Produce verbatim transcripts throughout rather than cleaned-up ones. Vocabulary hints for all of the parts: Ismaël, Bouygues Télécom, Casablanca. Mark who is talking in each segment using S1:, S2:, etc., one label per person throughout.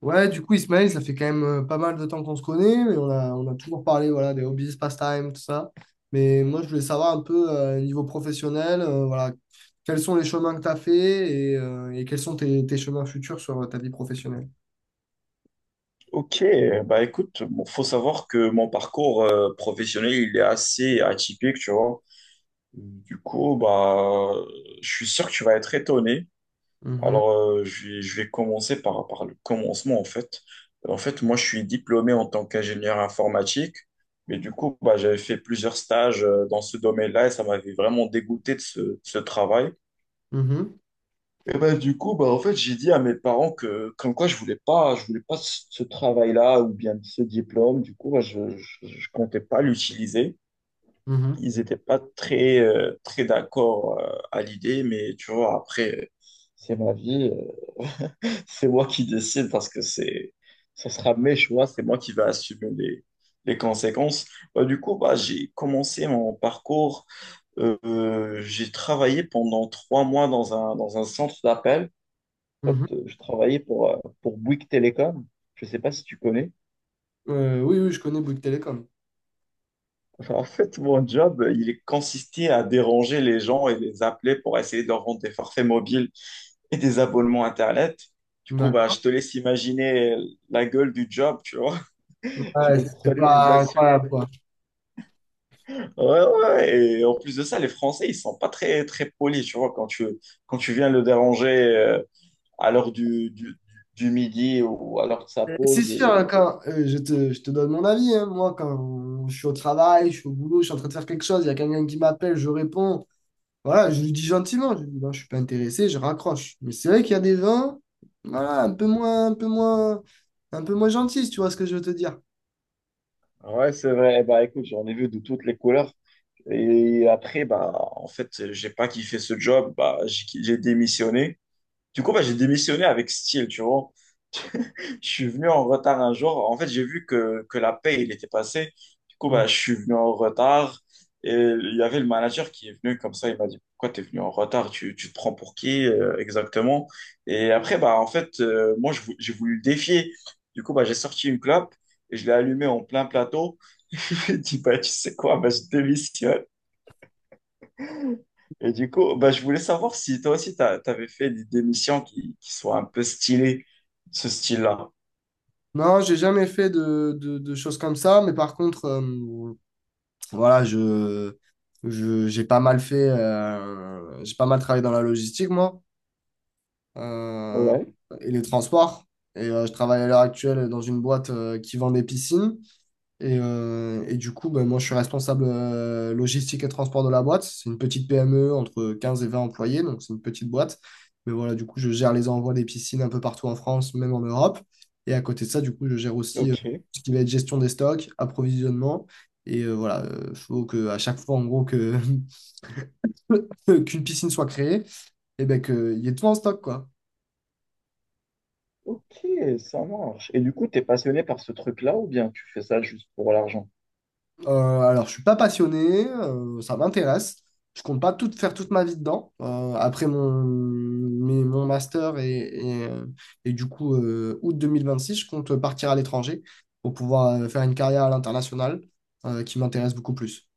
S1: Ouais, du coup, Ismaël, ça fait quand même euh, pas mal de temps qu'on se connaît, mais on a, on a toujours parlé, voilà, des hobbies, pastimes, tout ça. Mais moi, je voulais savoir un peu, euh, niveau professionnel, euh, voilà, quels sont les chemins que tu as fait et, euh, et quels sont tes, tes chemins futurs sur euh, ta vie professionnelle.
S2: Ok, bah écoute, bon, faut savoir que mon parcours euh, professionnel, il est assez atypique, tu vois. Du coup, bah, je suis sûr que tu vas être étonné.
S1: Mhm,
S2: Alors, euh, je vais, je vais commencer par, par le commencement, en fait. En fait, moi, je suis diplômé en tant qu'ingénieur informatique, mais du coup, bah, j'avais fait plusieurs stages euh, dans ce domaine-là et ça m'avait vraiment dégoûté de ce, de ce travail.
S1: mhm,
S2: Et ben, du coup, bah, en fait, j'ai dit à mes parents que, comme quoi, je voulais pas, je voulais pas ce ce travail-là ou bien ce diplôme. Du coup, bah, je, je, je comptais pas l'utiliser.
S1: mhm,
S2: Ils étaient pas très, euh, très d'accord, euh, à l'idée, mais tu vois, après, euh, c'est ma vie, euh, c'est moi qui décide parce que c'est, ce sera mes choix, c'est moi qui vais assumer les, les conséquences. Bah, du coup, bah, j'ai commencé mon parcours. Euh, j'ai travaillé pendant trois mois dans un, dans un centre d'appel. En
S1: mhm.
S2: fait, euh, je travaillais pour, euh, pour Bouygues Télécom. Je ne sais pas si tu connais.
S1: Euh, oui, oui, je connais Bouygues Télécom.
S2: En fait, mon job, euh, il consistait à déranger les gens et les appeler pour essayer de leur vendre des forfaits mobiles et des abonnements Internet. Du coup, bah,
S1: D'accord.
S2: je te laisse imaginer la gueule du job, tu vois. Je
S1: Ouais,
S2: me
S1: c'est
S2: prenais des
S1: pas
S2: insultes.
S1: incroyable, quoi.
S2: Ouais, ouais. Et en plus de ça, les Français, ils sont pas très, très polis, tu vois, quand tu, quand tu viens le déranger euh, à l'heure du, du, du midi ou à l'heure de sa
S1: C'est
S2: pause.
S1: sûr, hein,
S2: Et...
S1: quand euh, je te, je te donne mon avis, hein. Moi, quand je suis au travail, je suis au boulot, je suis en train de faire quelque chose, il y a quelqu'un qui m'appelle, je réponds. Voilà, je lui dis gentiment, je lui dis non, je suis pas intéressé, je raccroche. Mais c'est vrai qu'il y a des vins, voilà, un peu moins, un peu moins, un peu moins gentils, si tu vois ce que je veux te dire.
S2: Ouais, c'est vrai. Bah, écoute, j'en ai vu de toutes les couleurs. Et après, bah, en fait, j'ai pas kiffé ce job, bah, j'ai j'ai démissionné. Du coup, bah, j'ai démissionné avec style, tu vois. Je suis venu en retard un jour. En fait, j'ai vu que, que la paye, il était passé. Du coup,
S1: Mm.
S2: bah, je suis venu en retard. Et il y avait le manager qui est venu comme ça. Il m'a dit, pourquoi t'es venu en retard? Tu, tu te prends pour qui, euh, exactement? Et après, bah, en fait, euh, moi, je vou- j'ai voulu le défier. Du coup, bah, j'ai sorti une clope et je l'ai allumée en plein plateau. Il m'a dit, bah, tu sais quoi? Bah, je démissionne. Et du coup, bah, je voulais savoir si toi aussi, tu avais fait des, des missions qui, qui soient un peu stylées, ce style-là.
S1: Non, j'ai jamais fait de, de, de choses comme ça, mais par contre, euh, voilà, je, je, j'ai pas mal fait, euh, j'ai pas mal travaillé dans la logistique, moi, euh,
S2: Ouais.
S1: et les transports. Et euh, je travaille à l'heure actuelle dans une boîte euh, qui vend des piscines. Et, euh, et du coup, ben, moi, je suis responsable euh, logistique et transport de la boîte. C'est une petite P M E entre quinze et vingt employés, donc c'est une petite boîte. Mais voilà, du coup, je gère les envois des piscines un peu partout en France, même en Europe. Et à côté de ça, du coup, je gère aussi euh,
S2: Ok.
S1: ce qui va être gestion des stocks, approvisionnement. Et euh, voilà, il faut que à chaque fois, en gros, que qu'une piscine soit créée, et ben qu'il y ait tout en stock, quoi.
S2: Ok, ça marche. Et du coup, t'es passionné par ce truc-là ou bien tu fais ça juste pour l'argent?
S1: Euh, alors, je suis pas passionné, euh, ça m'intéresse. Je compte pas tout faire toute ma vie dedans. Euh, après mon, mes- mon master et, et, euh, et du coup, euh, août six je compte partir à l'étranger pour pouvoir euh, faire une carrière à l'international euh, qui m'intéresse beaucoup plus.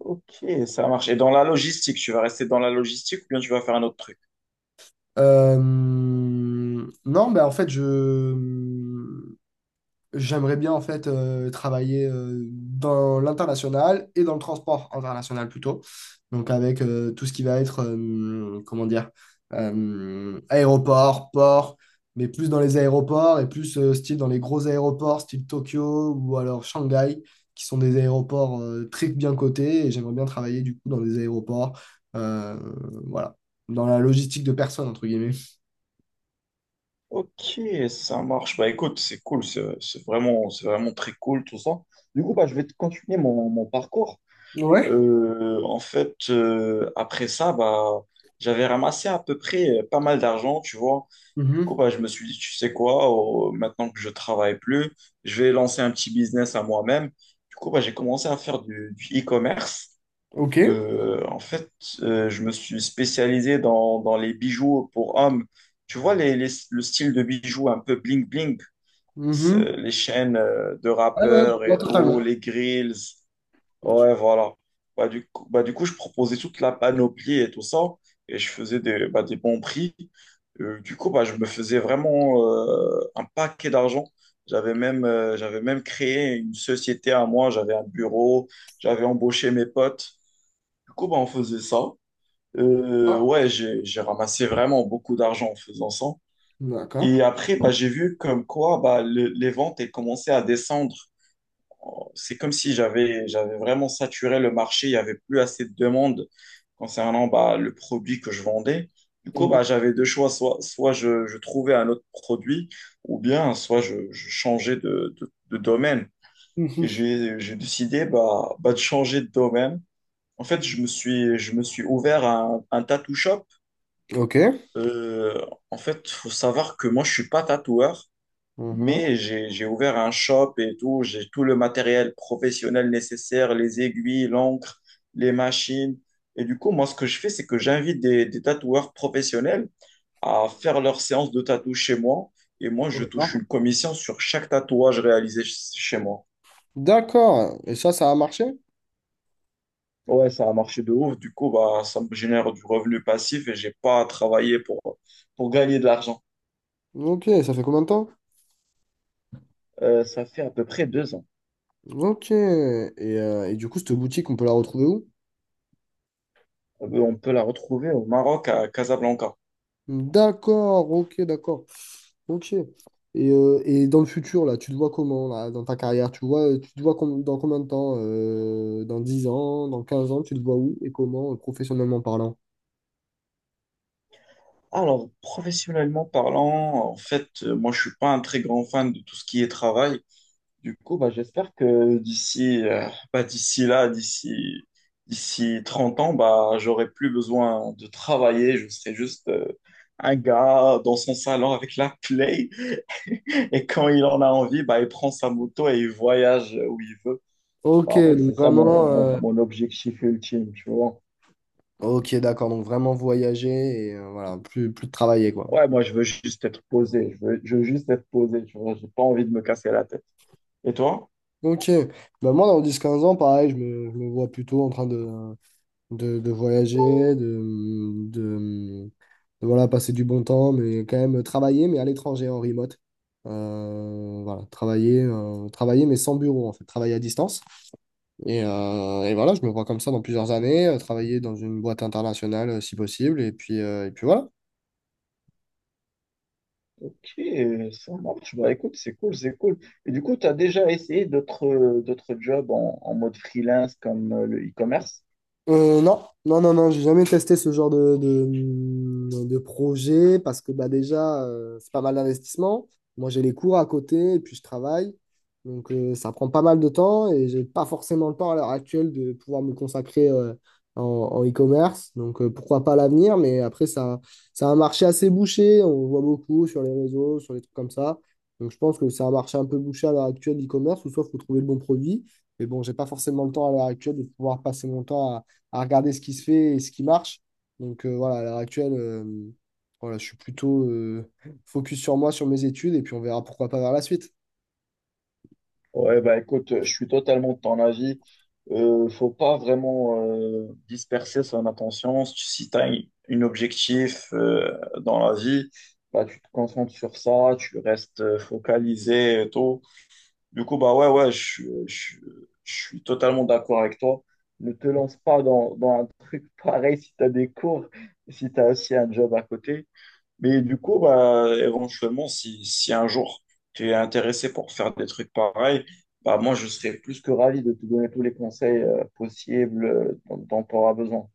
S2: Ok, ça marche. Et dans la logistique, tu vas rester dans la logistique ou bien tu vas faire un autre truc?
S1: Euh, non, ben en fait, je, j'aimerais bien en fait euh, travailler euh, dans l'international et dans le transport international plutôt. Donc avec euh, tout ce qui va être euh, comment dire, euh, aéroport, port, mais plus dans les aéroports et plus euh, style dans les gros aéroports style Tokyo ou alors Shanghai qui sont des aéroports euh, très bien cotés et j'aimerais bien travailler du coup dans des aéroports, euh, voilà, dans la logistique de personnes entre guillemets.
S2: Ok, ça marche. Bah écoute, c'est cool, c'est c'est vraiment, c'est vraiment très cool tout ça. Du coup, bah, je vais te continuer mon, mon parcours.
S1: Ouais.
S2: Euh, en fait, euh, après ça, bah, j'avais ramassé à peu près euh, pas mal d'argent, tu vois. Du coup,
S1: Mhm.
S2: bah, je me suis dit, tu sais quoi, euh, maintenant que je travaille plus, je vais lancer un petit business à moi-même. Du coup, bah, j'ai commencé à faire du, du e-commerce.
S1: Ok.
S2: Euh, en fait, euh, je me suis spécialisé dans, dans les bijoux pour hommes. Tu vois, les, les- le style de bijoux un peu bling-bling,
S1: Mhm.
S2: les chaînes euh, de
S1: Ouais, ouais,
S2: rappeurs
S1: je vois
S2: et
S1: totalement.
S2: tout, les grills. Ouais, voilà. Bah, du coup, bah, du coup, je proposais toute la panoplie et tout ça, et je faisais des, bah, des bons prix. Euh, du coup, bah, je me faisais vraiment euh, un paquet d'argent. J'avais même, euh, j'avais même créé une société à moi, j'avais un bureau, j'avais embauché mes potes. Du coup, bah, on faisait ça. Euh, ouais, j'ai, j'ai ramassé vraiment beaucoup d'argent en faisant ça.
S1: D'accord.
S2: Et après, bah, j'ai vu comme quoi bah, le- les ventes elles commençaient à descendre. Oh, c'est comme si j'avais j'avais vraiment saturé le marché, il n'y avait plus assez de demandes concernant bah, le produit que je vendais. Du coup,
S1: Mhm.
S2: bah, j'avais deux choix, soit, soit je, je trouvais un autre produit, ou bien soit je, je changeais de, de, de domaine. Et
S1: Mhm.
S2: j'ai, j'ai décidé bah, bah, de changer de domaine. En fait, je me suis, je me suis ouvert à un, un tattoo shop.
S1: Ok.
S2: Euh, En fait, faut savoir que moi, je suis pas tatoueur.
S1: Mhm.
S2: Mais j'ai, j'ai ouvert un shop et tout, j'ai tout le matériel professionnel nécessaire, les aiguilles, l'encre, les machines. Et du coup, moi, ce que je fais, c'est que j'invite des, des tatoueurs professionnels à faire leur séance de tatou chez moi. Et moi, je
S1: D'accord.
S2: touche une commission sur chaque tatouage réalisé ch- chez moi.
S1: D'accord. Et ça, ça a marché?
S2: Ouais, ça a marché de ouf. Du coup, bah, ça me génère du revenu passif et j'ai pas à travailler pour, pour gagner de l'argent.
S1: Ok, ça fait combien de temps?
S2: Euh, ça fait à peu près deux ans.
S1: Ok. Et, euh, et du coup, cette boutique, on peut la retrouver où?
S2: Euh, On peut la retrouver au Maroc, à Casablanca.
S1: D'accord, ok, d'accord. Ok. Et, euh, et dans le futur, là, tu te vois comment, là, dans ta carrière? Tu vois, tu te vois com- dans combien de temps? Euh, dans dix ans, dans quinze ans, tu te vois où et comment, euh, professionnellement parlant?
S2: Alors, professionnellement parlant, en fait, euh, moi, je suis pas un très grand fan de tout ce qui est travail. Du coup, bah, j'espère que d'ici, euh, bah, d'ici là, d'ici, d'ici trente ans, bah, j'aurai plus besoin de travailler. Je serai juste, euh, un gars dans son salon avec la play. Et quand il en a envie, bah, il prend sa moto et il voyage où il veut. Bah,
S1: Ok,
S2: en fait, c'est
S1: donc
S2: ça mon,
S1: vraiment.
S2: mon,
S1: euh,
S2: mon objectif ultime, tu vois.
S1: Ok, d'accord. Donc vraiment voyager et euh, voilà, plus, plus de travailler, quoi.
S2: Ouais, moi, je veux juste être posé. Je veux, je veux juste être posé, tu vois. J'ai pas envie de me casser la tête. Et toi?
S1: Ok, bah moi dans dix quinze ans, pareil, je me, je me vois plutôt en train de, de, de voyager, de, de, de, voilà, passer du bon temps, mais quand même travailler, mais à l'étranger, en remote. Euh, voilà, travailler, euh, travailler, mais sans bureau, en fait, travailler à distance. Et, euh, et voilà, je me vois comme ça dans plusieurs années, euh, travailler dans une boîte internationale euh, si possible, et puis, euh, et puis voilà.
S2: Ok, ça marche. Bah, écoute, c'est cool, c'est cool. Et du coup, tu as déjà essayé d'autres d'autres jobs en, en mode freelance comme euh, le e-commerce?
S1: Euh, non, non, non, non, j'ai jamais testé ce genre de, de, de projet parce que bah, déjà, euh, c'est pas mal d'investissement. Moi, j'ai les cours à côté et puis je travaille. Donc, euh, ça prend pas mal de temps et j'ai pas forcément le temps à l'heure actuelle de pouvoir me consacrer euh, en, en e-commerce. Donc, euh, pourquoi pas à l'avenir, mais après, ça, c'est un marché assez bouché. On voit beaucoup sur les réseaux, sur les trucs comme ça. Donc, je pense que c'est un marché un peu bouché à l'heure actuelle, l'e-commerce, ou soit il faut trouver le bon produit. Mais bon, j'ai pas forcément le temps à l'heure actuelle de pouvoir passer mon temps à regarder ce qui se fait et ce qui marche. Donc euh, voilà, à l'heure actuelle, euh, voilà, je suis plutôt euh, focus sur moi, sur mes études, et puis on verra pourquoi pas vers la suite.
S2: Ouais, bah écoute, je suis totalement de ton avis. Euh, faut pas vraiment euh, disperser son attention. Si tu as un objectif euh, dans la vie, bah, tu te concentres sur ça, tu restes euh, focalisé et tout. Du coup, bah ouais, ouais, je, suis- je, suis je suis totalement d'accord avec toi. Ne te lance pas dans, dans un truc pareil si tu as des cours, si tu as aussi un job à côté. Mais du coup, bah, éventuellement, si, si un jour tu es intéressé pour faire des trucs pareils, bah moi, je serais plus que ravi de te donner tous les conseils euh, possibles euh, dont, dont tu auras besoin.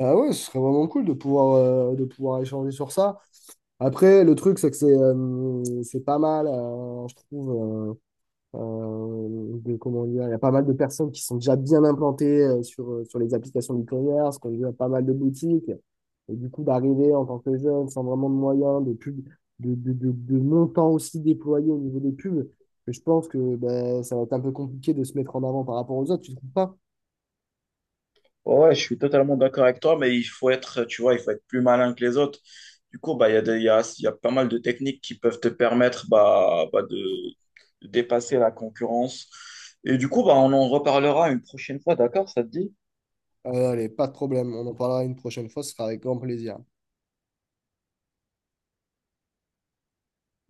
S1: Ah ouais, ce serait vraiment cool de pouvoir, euh, de pouvoir échanger sur ça. Après, le truc, c'est que c'est euh, c'est pas mal, euh, je trouve. Euh, euh, de comment dire, il y a pas mal de personnes qui sont déjà bien implantées euh, sur, euh, sur les applications e-commerce, qu'on a pas mal de boutiques. Et du coup, d'arriver en tant que jeune, sans vraiment de moyens, de pub, de, de, de, de montants aussi déployés au niveau des pubs, que je pense que ben, ça va être un peu compliqué de se mettre en avant par rapport aux autres, tu ne trouves pas?
S2: Ouais, ouais, je suis totalement d'accord avec toi, mais il faut être, tu vois, il faut être plus malin que les autres. Du coup, bah, il y a des- il y a, il y a pas mal de techniques qui peuvent te permettre bah, bah, de, de dépasser la concurrence. Et du coup, bah, on en reparlera une prochaine fois, d'accord? Ça te dit?
S1: Euh, allez, pas de problème, on en parlera une prochaine fois, ce sera avec grand plaisir.